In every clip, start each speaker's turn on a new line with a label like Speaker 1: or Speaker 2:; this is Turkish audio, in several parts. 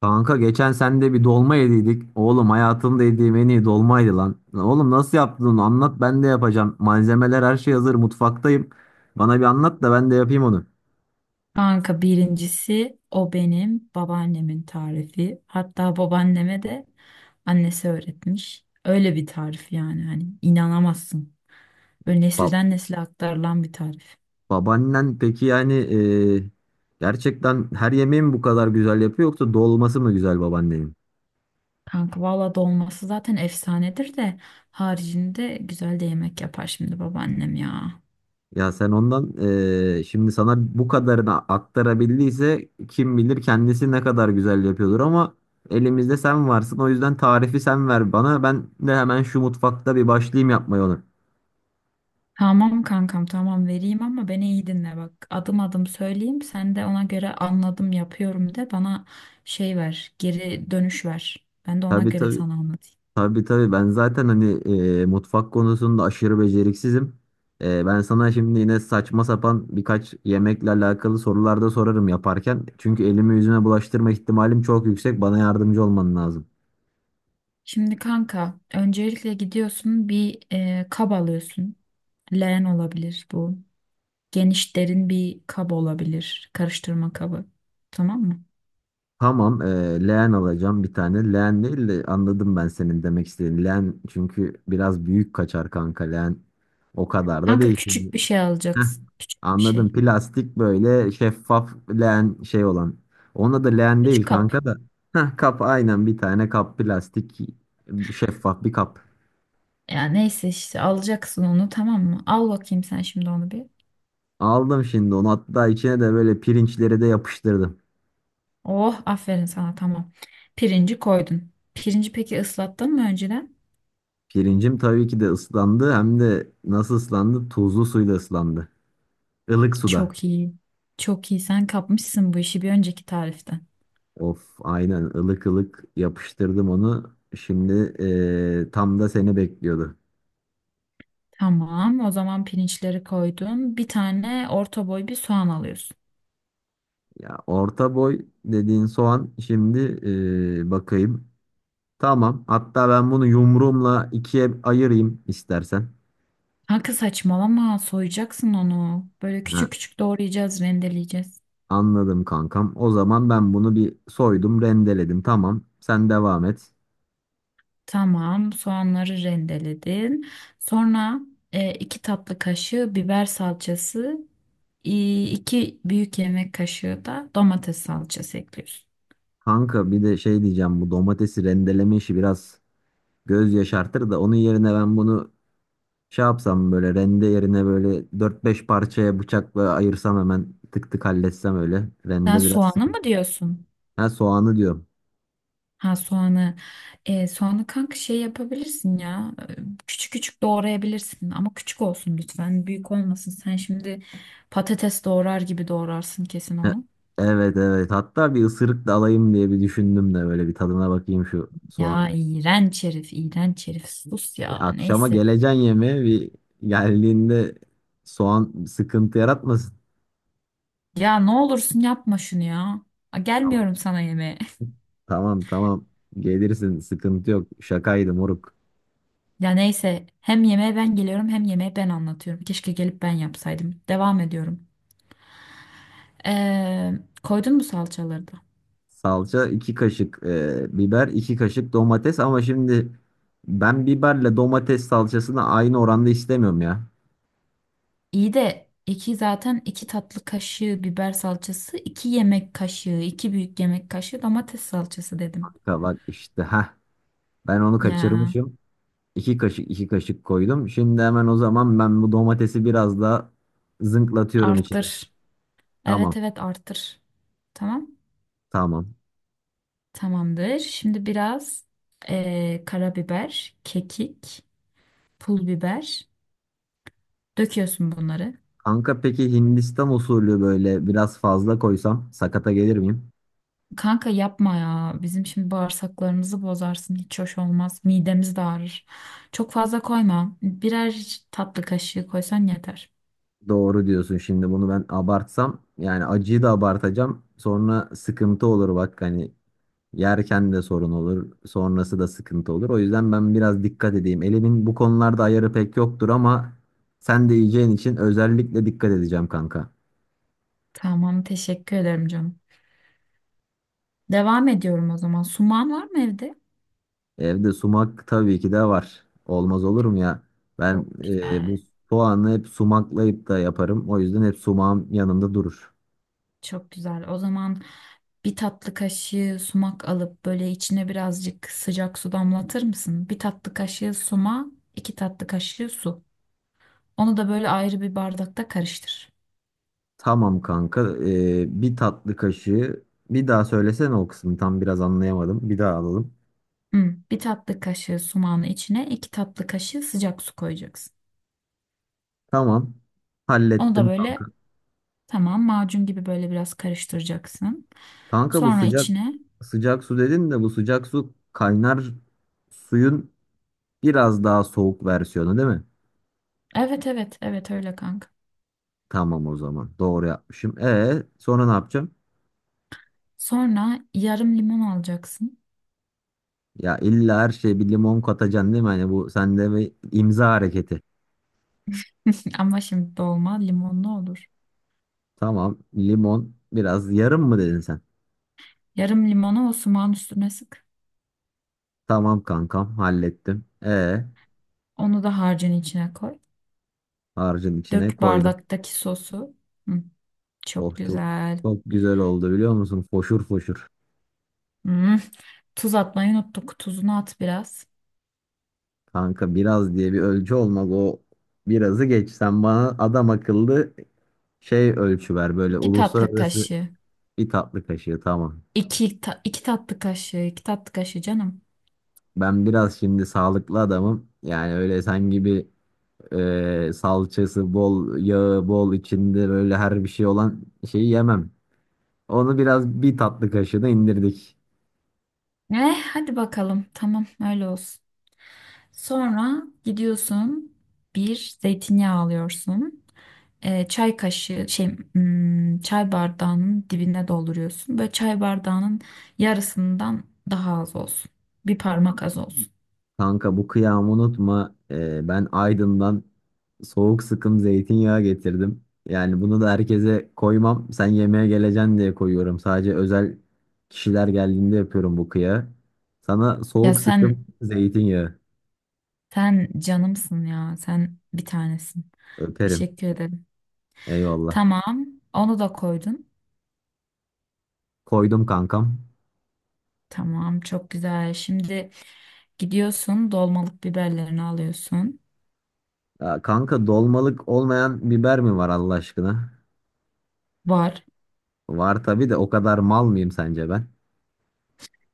Speaker 1: Kanka geçen sende bir dolma yediydik. Oğlum, hayatımda yediğim en iyi dolmaydı lan. Lan oğlum, nasıl yaptın onu? Anlat, ben de yapacağım. Malzemeler, her şey hazır, mutfaktayım. Bana bir anlat da ben de yapayım onu.
Speaker 2: Kanka birincisi o benim babaannemin tarifi. Hatta babaanneme de annesi öğretmiş. Öyle bir tarif yani hani inanamazsın. Böyle
Speaker 1: Ba-
Speaker 2: nesilden nesile aktarılan bir tarif.
Speaker 1: babaannen peki, yani gerçekten her yemeği mi bu kadar güzel yapıyor, yoksa dolması mı güzel babaannenin?
Speaker 2: Kanka valla dolması zaten efsanedir de haricinde güzel de yemek yapar şimdi babaannem ya.
Speaker 1: Ya sen ondan şimdi sana bu kadarını aktarabildiyse, kim bilir kendisi ne kadar güzel yapıyordur ama elimizde sen varsın. O yüzden tarifi sen ver bana, ben de hemen şu mutfakta bir başlayayım yapmaya onu.
Speaker 2: Tamam kankam, tamam vereyim ama beni iyi dinle bak. Adım adım söyleyeyim, sen de ona göre anladım yapıyorum de bana, şey ver, geri dönüş ver. Ben de ona
Speaker 1: Tabii,
Speaker 2: göre
Speaker 1: tabii,
Speaker 2: sana anlatayım.
Speaker 1: tabii, tabii, ben zaten hani mutfak konusunda aşırı beceriksizim. Ben sana şimdi yine saçma sapan birkaç yemekle alakalı sorular da sorarım yaparken, çünkü elimi yüzüme bulaştırma ihtimalim çok yüksek, bana yardımcı olman lazım.
Speaker 2: Şimdi kanka öncelikle gidiyorsun bir kap alıyorsun. Leğen olabilir bu. Geniş derin bir kap olabilir. Karıştırma kabı. Tamam mı?
Speaker 1: Tamam, leğen alacağım bir tane. Leğen değil de, anladım ben senin demek istediğin. Leğen çünkü biraz büyük kaçar kanka, leğen. O kadar da
Speaker 2: Kanka
Speaker 1: değil.
Speaker 2: küçük bir şey
Speaker 1: Heh,
Speaker 2: alacaksın. Küçük bir
Speaker 1: anladım.
Speaker 2: şey.
Speaker 1: Plastik, böyle şeffaf leğen şey olan. Ona da leğen değil
Speaker 2: Küçük kap.
Speaker 1: kanka da. Heh, kap, aynen, bir tane kap, plastik şeffaf bir kap.
Speaker 2: Ya neyse işte alacaksın onu, tamam mı? Al bakayım sen şimdi onu bir.
Speaker 1: Aldım şimdi onu, hatta içine de böyle pirinçleri de yapıştırdım.
Speaker 2: Oh, aferin sana, tamam. Pirinci koydun. Pirinci peki ıslattın mı önceden?
Speaker 1: Pirincim tabii ki de ıslandı, hem de nasıl ıslandı? Tuzlu suyla ıslandı. Ilık suda.
Speaker 2: Çok iyi. Çok iyi, sen kapmışsın bu işi bir önceki tariften.
Speaker 1: Of, aynen, ılık ılık yapıştırdım onu. Şimdi tam da seni bekliyordu.
Speaker 2: Tamam. O zaman pirinçleri koydun. Bir tane orta boy bir soğan alıyorsun.
Speaker 1: Ya orta boy dediğin soğan, şimdi bakayım. Tamam. Hatta ben bunu yumruğumla ikiye ayırayım istersen.
Speaker 2: Kanka saçmalama. Soyacaksın onu. Böyle
Speaker 1: Ha,
Speaker 2: küçük küçük doğrayacağız, rendeleyeceğiz.
Speaker 1: anladım kankam. O zaman ben bunu bir soydum, rendeledim. Tamam. Sen devam et.
Speaker 2: Tamam. Soğanları rendeledin. Sonra iki tatlı kaşığı biber salçası, iki büyük yemek kaşığı da domates salçası ekliyorsun.
Speaker 1: Kanka bir de şey diyeceğim, bu domatesi rendeleme işi biraz göz yaşartır da, onun yerine ben bunu şey yapsam, böyle rende yerine böyle dört beş parçaya bıçakla ayırsam, hemen tık tık halletsem öyle.
Speaker 2: Sen
Speaker 1: Rende biraz
Speaker 2: soğanı mı
Speaker 1: sıkıntı.
Speaker 2: diyorsun?
Speaker 1: Ha, soğanı diyorum.
Speaker 2: Ha, soğanı. E, soğanı kanka şey yapabilirsin ya. Küçük küçük doğrayabilirsin ama küçük olsun lütfen. Büyük olmasın. Sen şimdi patates doğrar gibi doğrarsın kesin
Speaker 1: Ha,
Speaker 2: onu.
Speaker 1: evet, evet, hatta bir ısırık da alayım diye bir düşündüm de, böyle bir tadına bakayım şu soğan.
Speaker 2: Ya iğrenç herif, iğrenç herif. Sus ya.
Speaker 1: Akşama
Speaker 2: Neyse.
Speaker 1: geleceğin yemeğe, bir geldiğinde soğan sıkıntı yaratmasın.
Speaker 2: Ya ne olursun yapma şunu ya. A,
Speaker 1: Tamam,
Speaker 2: gelmiyorum sana yemeğe.
Speaker 1: tamam, tamam, gelirsin, sıkıntı yok, şakaydı moruk.
Speaker 2: Ya neyse, hem yemeğe ben geliyorum hem yemeğe ben anlatıyorum. Keşke gelip ben yapsaydım. Devam ediyorum. Ee, koydun mu salçaları da?
Speaker 1: Salça 2 kaşık, biber 2 kaşık, domates, ama şimdi ben biberle domates salçasını aynı oranda istemiyorum ya.
Speaker 2: İyi de iki, zaten iki tatlı kaşığı biber salçası, iki yemek kaşığı, iki büyük yemek kaşığı domates salçası dedim.
Speaker 1: Kanka, bak işte, ha, ben onu
Speaker 2: Ya
Speaker 1: kaçırmışım. 2 kaşık, 2 kaşık koydum. Şimdi hemen o zaman ben bu domatesi biraz daha zınklatıyorum içine.
Speaker 2: arttır.
Speaker 1: Tamam,
Speaker 2: Evet evet arttır. Tamam.
Speaker 1: tamam.
Speaker 2: Tamamdır. Şimdi biraz karabiber, kekik, pul biber. Döküyorsun bunları.
Speaker 1: Kanka peki Hindistan usulü böyle biraz fazla koysam sakata gelir miyim?
Speaker 2: Kanka yapma ya. Bizim şimdi bağırsaklarımızı bozarsın. Hiç hoş olmaz. Midemiz de ağrır. Çok fazla koyma. Birer tatlı kaşığı koysan yeter.
Speaker 1: Doğru diyorsun, şimdi bunu ben abartsam, yani acıyı da abartacağım, sonra sıkıntı olur bak, hani yerken de sorun olur, sonrası da sıkıntı olur. O yüzden ben biraz dikkat edeyim. Elimin bu konularda ayarı pek yoktur ama sen de yiyeceğin için özellikle dikkat edeceğim kanka.
Speaker 2: Tamam, teşekkür ederim canım. Devam ediyorum o zaman. Suman var mı evde?
Speaker 1: Evde sumak tabii ki de var. Olmaz olur mu ya? Ben
Speaker 2: Çok
Speaker 1: bu
Speaker 2: güzel.
Speaker 1: soğanı hep sumaklayıp da yaparım. O yüzden hep sumağım yanımda durur.
Speaker 2: Çok güzel. O zaman bir tatlı kaşığı sumak alıp böyle içine birazcık sıcak su damlatır mısın? Bir tatlı kaşığı suma, iki tatlı kaşığı su. Onu da böyle ayrı bir bardakta karıştır.
Speaker 1: Tamam kanka. Bir tatlı kaşığı. Bir daha söylesene o kısmı. Tam biraz anlayamadım. Bir daha alalım.
Speaker 2: Hı, bir tatlı kaşığı sumağın içine iki tatlı kaşığı sıcak su koyacaksın.
Speaker 1: Tamam.
Speaker 2: Onu da
Speaker 1: Hallettim
Speaker 2: böyle,
Speaker 1: kanka.
Speaker 2: tamam, macun gibi böyle biraz karıştıracaksın.
Speaker 1: Kanka bu
Speaker 2: Sonra
Speaker 1: sıcak
Speaker 2: içine
Speaker 1: sıcak su dedin de, bu sıcak su, kaynar suyun biraz daha soğuk versiyonu değil mi?
Speaker 2: evet evet evet, öyle kanka.
Speaker 1: Tamam, o zaman doğru yapmışım. E sonra ne yapacağım?
Speaker 2: Sonra yarım limon alacaksın.
Speaker 1: Ya illa her şeye bir limon katacaksın değil mi? Hani bu sende bir imza hareketi.
Speaker 2: Ama şimdi dolma limonlu olur.
Speaker 1: Tamam, limon biraz, yarım mı dedin sen?
Speaker 2: Yarım limonu o sumağın üstüne sık.
Speaker 1: Tamam kankam, hallettim. E
Speaker 2: Onu da harcın içine koy.
Speaker 1: harcın içine
Speaker 2: Dök
Speaker 1: koydum.
Speaker 2: bardaktaki sosu. Hı,
Speaker 1: Oh,
Speaker 2: çok
Speaker 1: çok
Speaker 2: güzel.
Speaker 1: çok güzel oldu biliyor musun? Foşur foşur.
Speaker 2: Hı, tuz atmayı unuttuk. Tuzunu at biraz.
Speaker 1: Kanka, biraz diye bir ölçü olmaz, o birazı geç. Sen bana adam akıllı şey, ölçü ver, böyle
Speaker 2: İki tatlı
Speaker 1: uluslararası.
Speaker 2: kaşığı.
Speaker 1: Bir tatlı kaşığı, tamam.
Speaker 2: İki tatlı kaşığı. İki tatlı kaşığı canım.
Speaker 1: Ben biraz şimdi sağlıklı adamım. Yani öyle sen gibi salçası bol, yağı bol, içinde böyle her bir şey olan şeyi yemem. Onu biraz bir tatlı kaşığına indirdik.
Speaker 2: Eh, hadi bakalım. Tamam, öyle olsun. Sonra gidiyorsun. Bir zeytinyağı alıyorsun. Çay kaşığı şey çay bardağının dibine dolduruyorsun. Böyle çay bardağının yarısından daha az olsun. Bir parmak az olsun.
Speaker 1: Kanka, bu kıyamı unutma. Ben Aydın'dan soğuk sıkım zeytinyağı getirdim. Yani bunu da herkese koymam. Sen yemeğe geleceksin diye koyuyorum. Sadece özel kişiler geldiğinde yapıyorum bu kıyağı. Sana
Speaker 2: Ya
Speaker 1: soğuk
Speaker 2: sen,
Speaker 1: sıkım zeytinyağı.
Speaker 2: canımsın ya. Sen bir tanesin.
Speaker 1: Öperim.
Speaker 2: Teşekkür ederim.
Speaker 1: Eyvallah.
Speaker 2: Tamam. Onu da koydun.
Speaker 1: Koydum kankam.
Speaker 2: Tamam, çok güzel. Şimdi gidiyorsun, dolmalık biberlerini alıyorsun.
Speaker 1: Ya kanka, dolmalık olmayan biber mi var Allah aşkına?
Speaker 2: Var.
Speaker 1: Var tabii de, o kadar mal mıyım sence ben?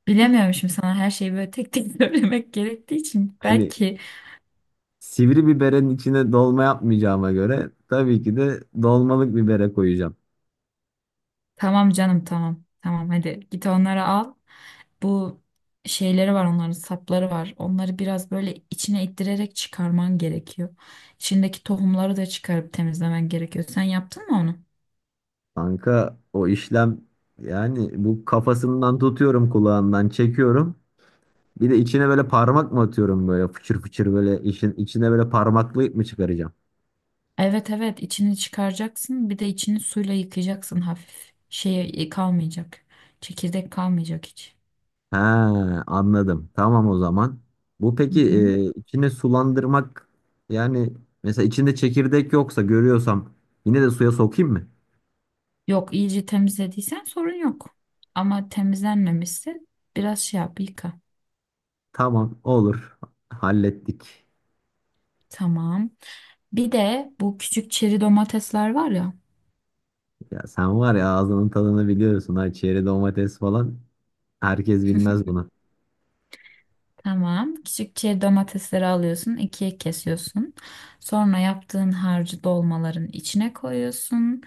Speaker 2: Bilemiyorum şimdi, sana her şeyi böyle tek tek söylemek gerektiği için
Speaker 1: Hani
Speaker 2: belki.
Speaker 1: sivri biberin içine dolma yapmayacağıma göre, tabii ki de dolmalık bibere koyacağım.
Speaker 2: Tamam canım, tamam. Tamam, hadi git onları al. Bu şeyleri var, onların sapları var. Onları biraz böyle içine ittirerek çıkarman gerekiyor. İçindeki tohumları da çıkarıp temizlemen gerekiyor. Sen yaptın mı onu?
Speaker 1: Kanka o işlem, yani bu, kafasından tutuyorum, kulağından çekiyorum. Bir de içine böyle parmak mı atıyorum, böyle fıçır fıçır böyle işin içine böyle parmaklayıp mı çıkaracağım?
Speaker 2: Evet evet içini çıkaracaksın. Bir de içini suyla yıkayacaksın hafif. Şey kalmayacak. Çekirdek kalmayacak hiç.
Speaker 1: He, anladım. Tamam, o zaman. Bu
Speaker 2: Hı
Speaker 1: peki,
Speaker 2: hı.
Speaker 1: içine sulandırmak, yani mesela içinde çekirdek yoksa, görüyorsam, yine de suya sokayım mı?
Speaker 2: Yok, iyice temizlediysen sorun yok. Ama temizlenmemişse biraz şey yap, yıka.
Speaker 1: Tamam, olur. Hallettik.
Speaker 2: Tamam. Bir de bu küçük çeri domatesler var ya.
Speaker 1: Ya sen var ya, ağzının tadını biliyorsun ha, çeri domates falan herkes bilmez bunu.
Speaker 2: Tamam. Küçük çeri domatesleri alıyorsun, ikiye kesiyorsun. Sonra yaptığın harcı dolmaların içine koyuyorsun.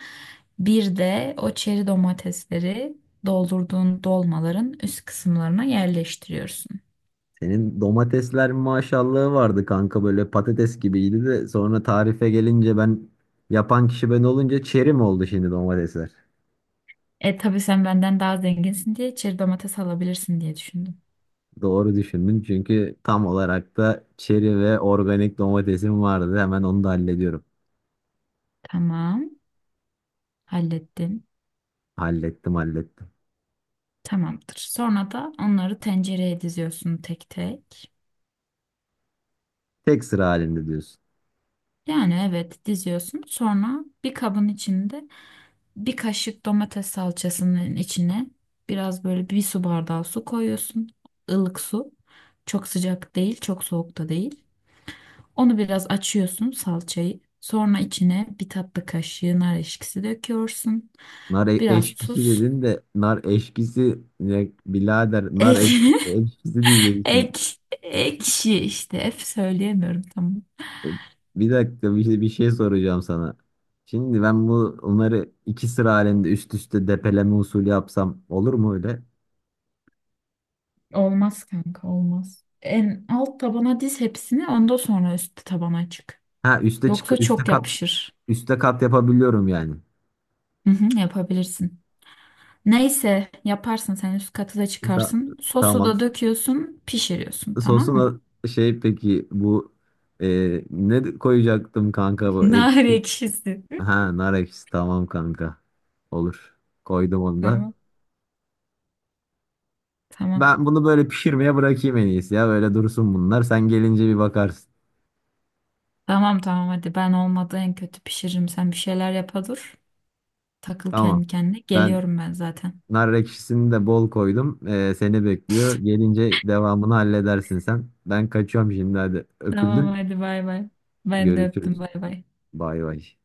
Speaker 2: Bir de o çeri domatesleri doldurduğun dolmaların üst kısımlarına yerleştiriyorsun.
Speaker 1: Senin domatesler maşallahı vardı kanka, böyle patates gibiydi de, sonra tarife gelince ben, yapan kişi ben olunca, çeri mi oldu şimdi domatesler?
Speaker 2: E tabii, sen benden daha zenginsin diye çeri domates alabilirsin diye düşündüm.
Speaker 1: Doğru düşündün, çünkü tam olarak da çeri ve organik domatesim vardı, hemen onu da hallediyorum.
Speaker 2: Tamam, hallettin.
Speaker 1: Hallettim, hallettim.
Speaker 2: Tamamdır. Sonra da onları tencereye diziyorsun tek tek.
Speaker 1: Tek sıra halinde diyorsun.
Speaker 2: Yani evet, diziyorsun. Sonra bir kabın içinde bir kaşık domates salçasının içine biraz böyle bir su bardağı su koyuyorsun. Ilık su. Çok sıcak değil, çok soğuk da değil. Onu biraz açıyorsun salçayı. Sonra içine bir tatlı kaşığı nar ekşisi döküyorsun.
Speaker 1: Nar
Speaker 2: Biraz
Speaker 1: eşkisi
Speaker 2: tuz.
Speaker 1: dedin de, nar eşkisi ne birader? Nar
Speaker 2: Ek,
Speaker 1: eşkisi diyeceksin.
Speaker 2: ek, ekşi işte. Hep söyleyemiyorum, tamam.
Speaker 1: E, Bir dakika, bir şey soracağım sana. Şimdi ben bu, onları iki sıra halinde üst üste depeleme usulü yapsam olur mu öyle?
Speaker 2: Olmaz kanka, olmaz. En alt tabana diz hepsini, ondan sonra üst tabana çık.
Speaker 1: Ha, üste
Speaker 2: Yoksa
Speaker 1: çık, üste
Speaker 2: çok
Speaker 1: kat,
Speaker 2: yapışır.
Speaker 1: üste kat yapabiliyorum yani.
Speaker 2: Hı hı, yapabilirsin. Neyse, yaparsın sen üst katı da,
Speaker 1: Ta-
Speaker 2: çıkarsın. Sosu
Speaker 1: tamam.
Speaker 2: da döküyorsun, pişiriyorsun, tamam mı?
Speaker 1: Sosuna şey peki, bu ne koyacaktım kanka, bu
Speaker 2: Nar ekşisi.
Speaker 1: ha, nar ekşisi, tamam kanka. Olur. Koydum onu da.
Speaker 2: Tamam. Tamam.
Speaker 1: Ben bunu böyle pişirmeye bırakayım en iyisi ya. Böyle dursun bunlar. Sen gelince bir bakarsın.
Speaker 2: Tamam tamam, hadi ben olmadı en kötü pişiririm. Sen bir şeyler yapa dur. Takıl
Speaker 1: Tamam.
Speaker 2: kendi kendine.
Speaker 1: Ben,
Speaker 2: Geliyorum ben zaten.
Speaker 1: nar ekşisini de bol koydum. Seni bekliyor. Gelince devamını halledersin sen. Ben kaçıyorum şimdi, hadi. Öpüldün.
Speaker 2: Tamam hadi, bay bay. Ben de öptüm,
Speaker 1: Görüşürüz.
Speaker 2: bay bay.
Speaker 1: Bay bay.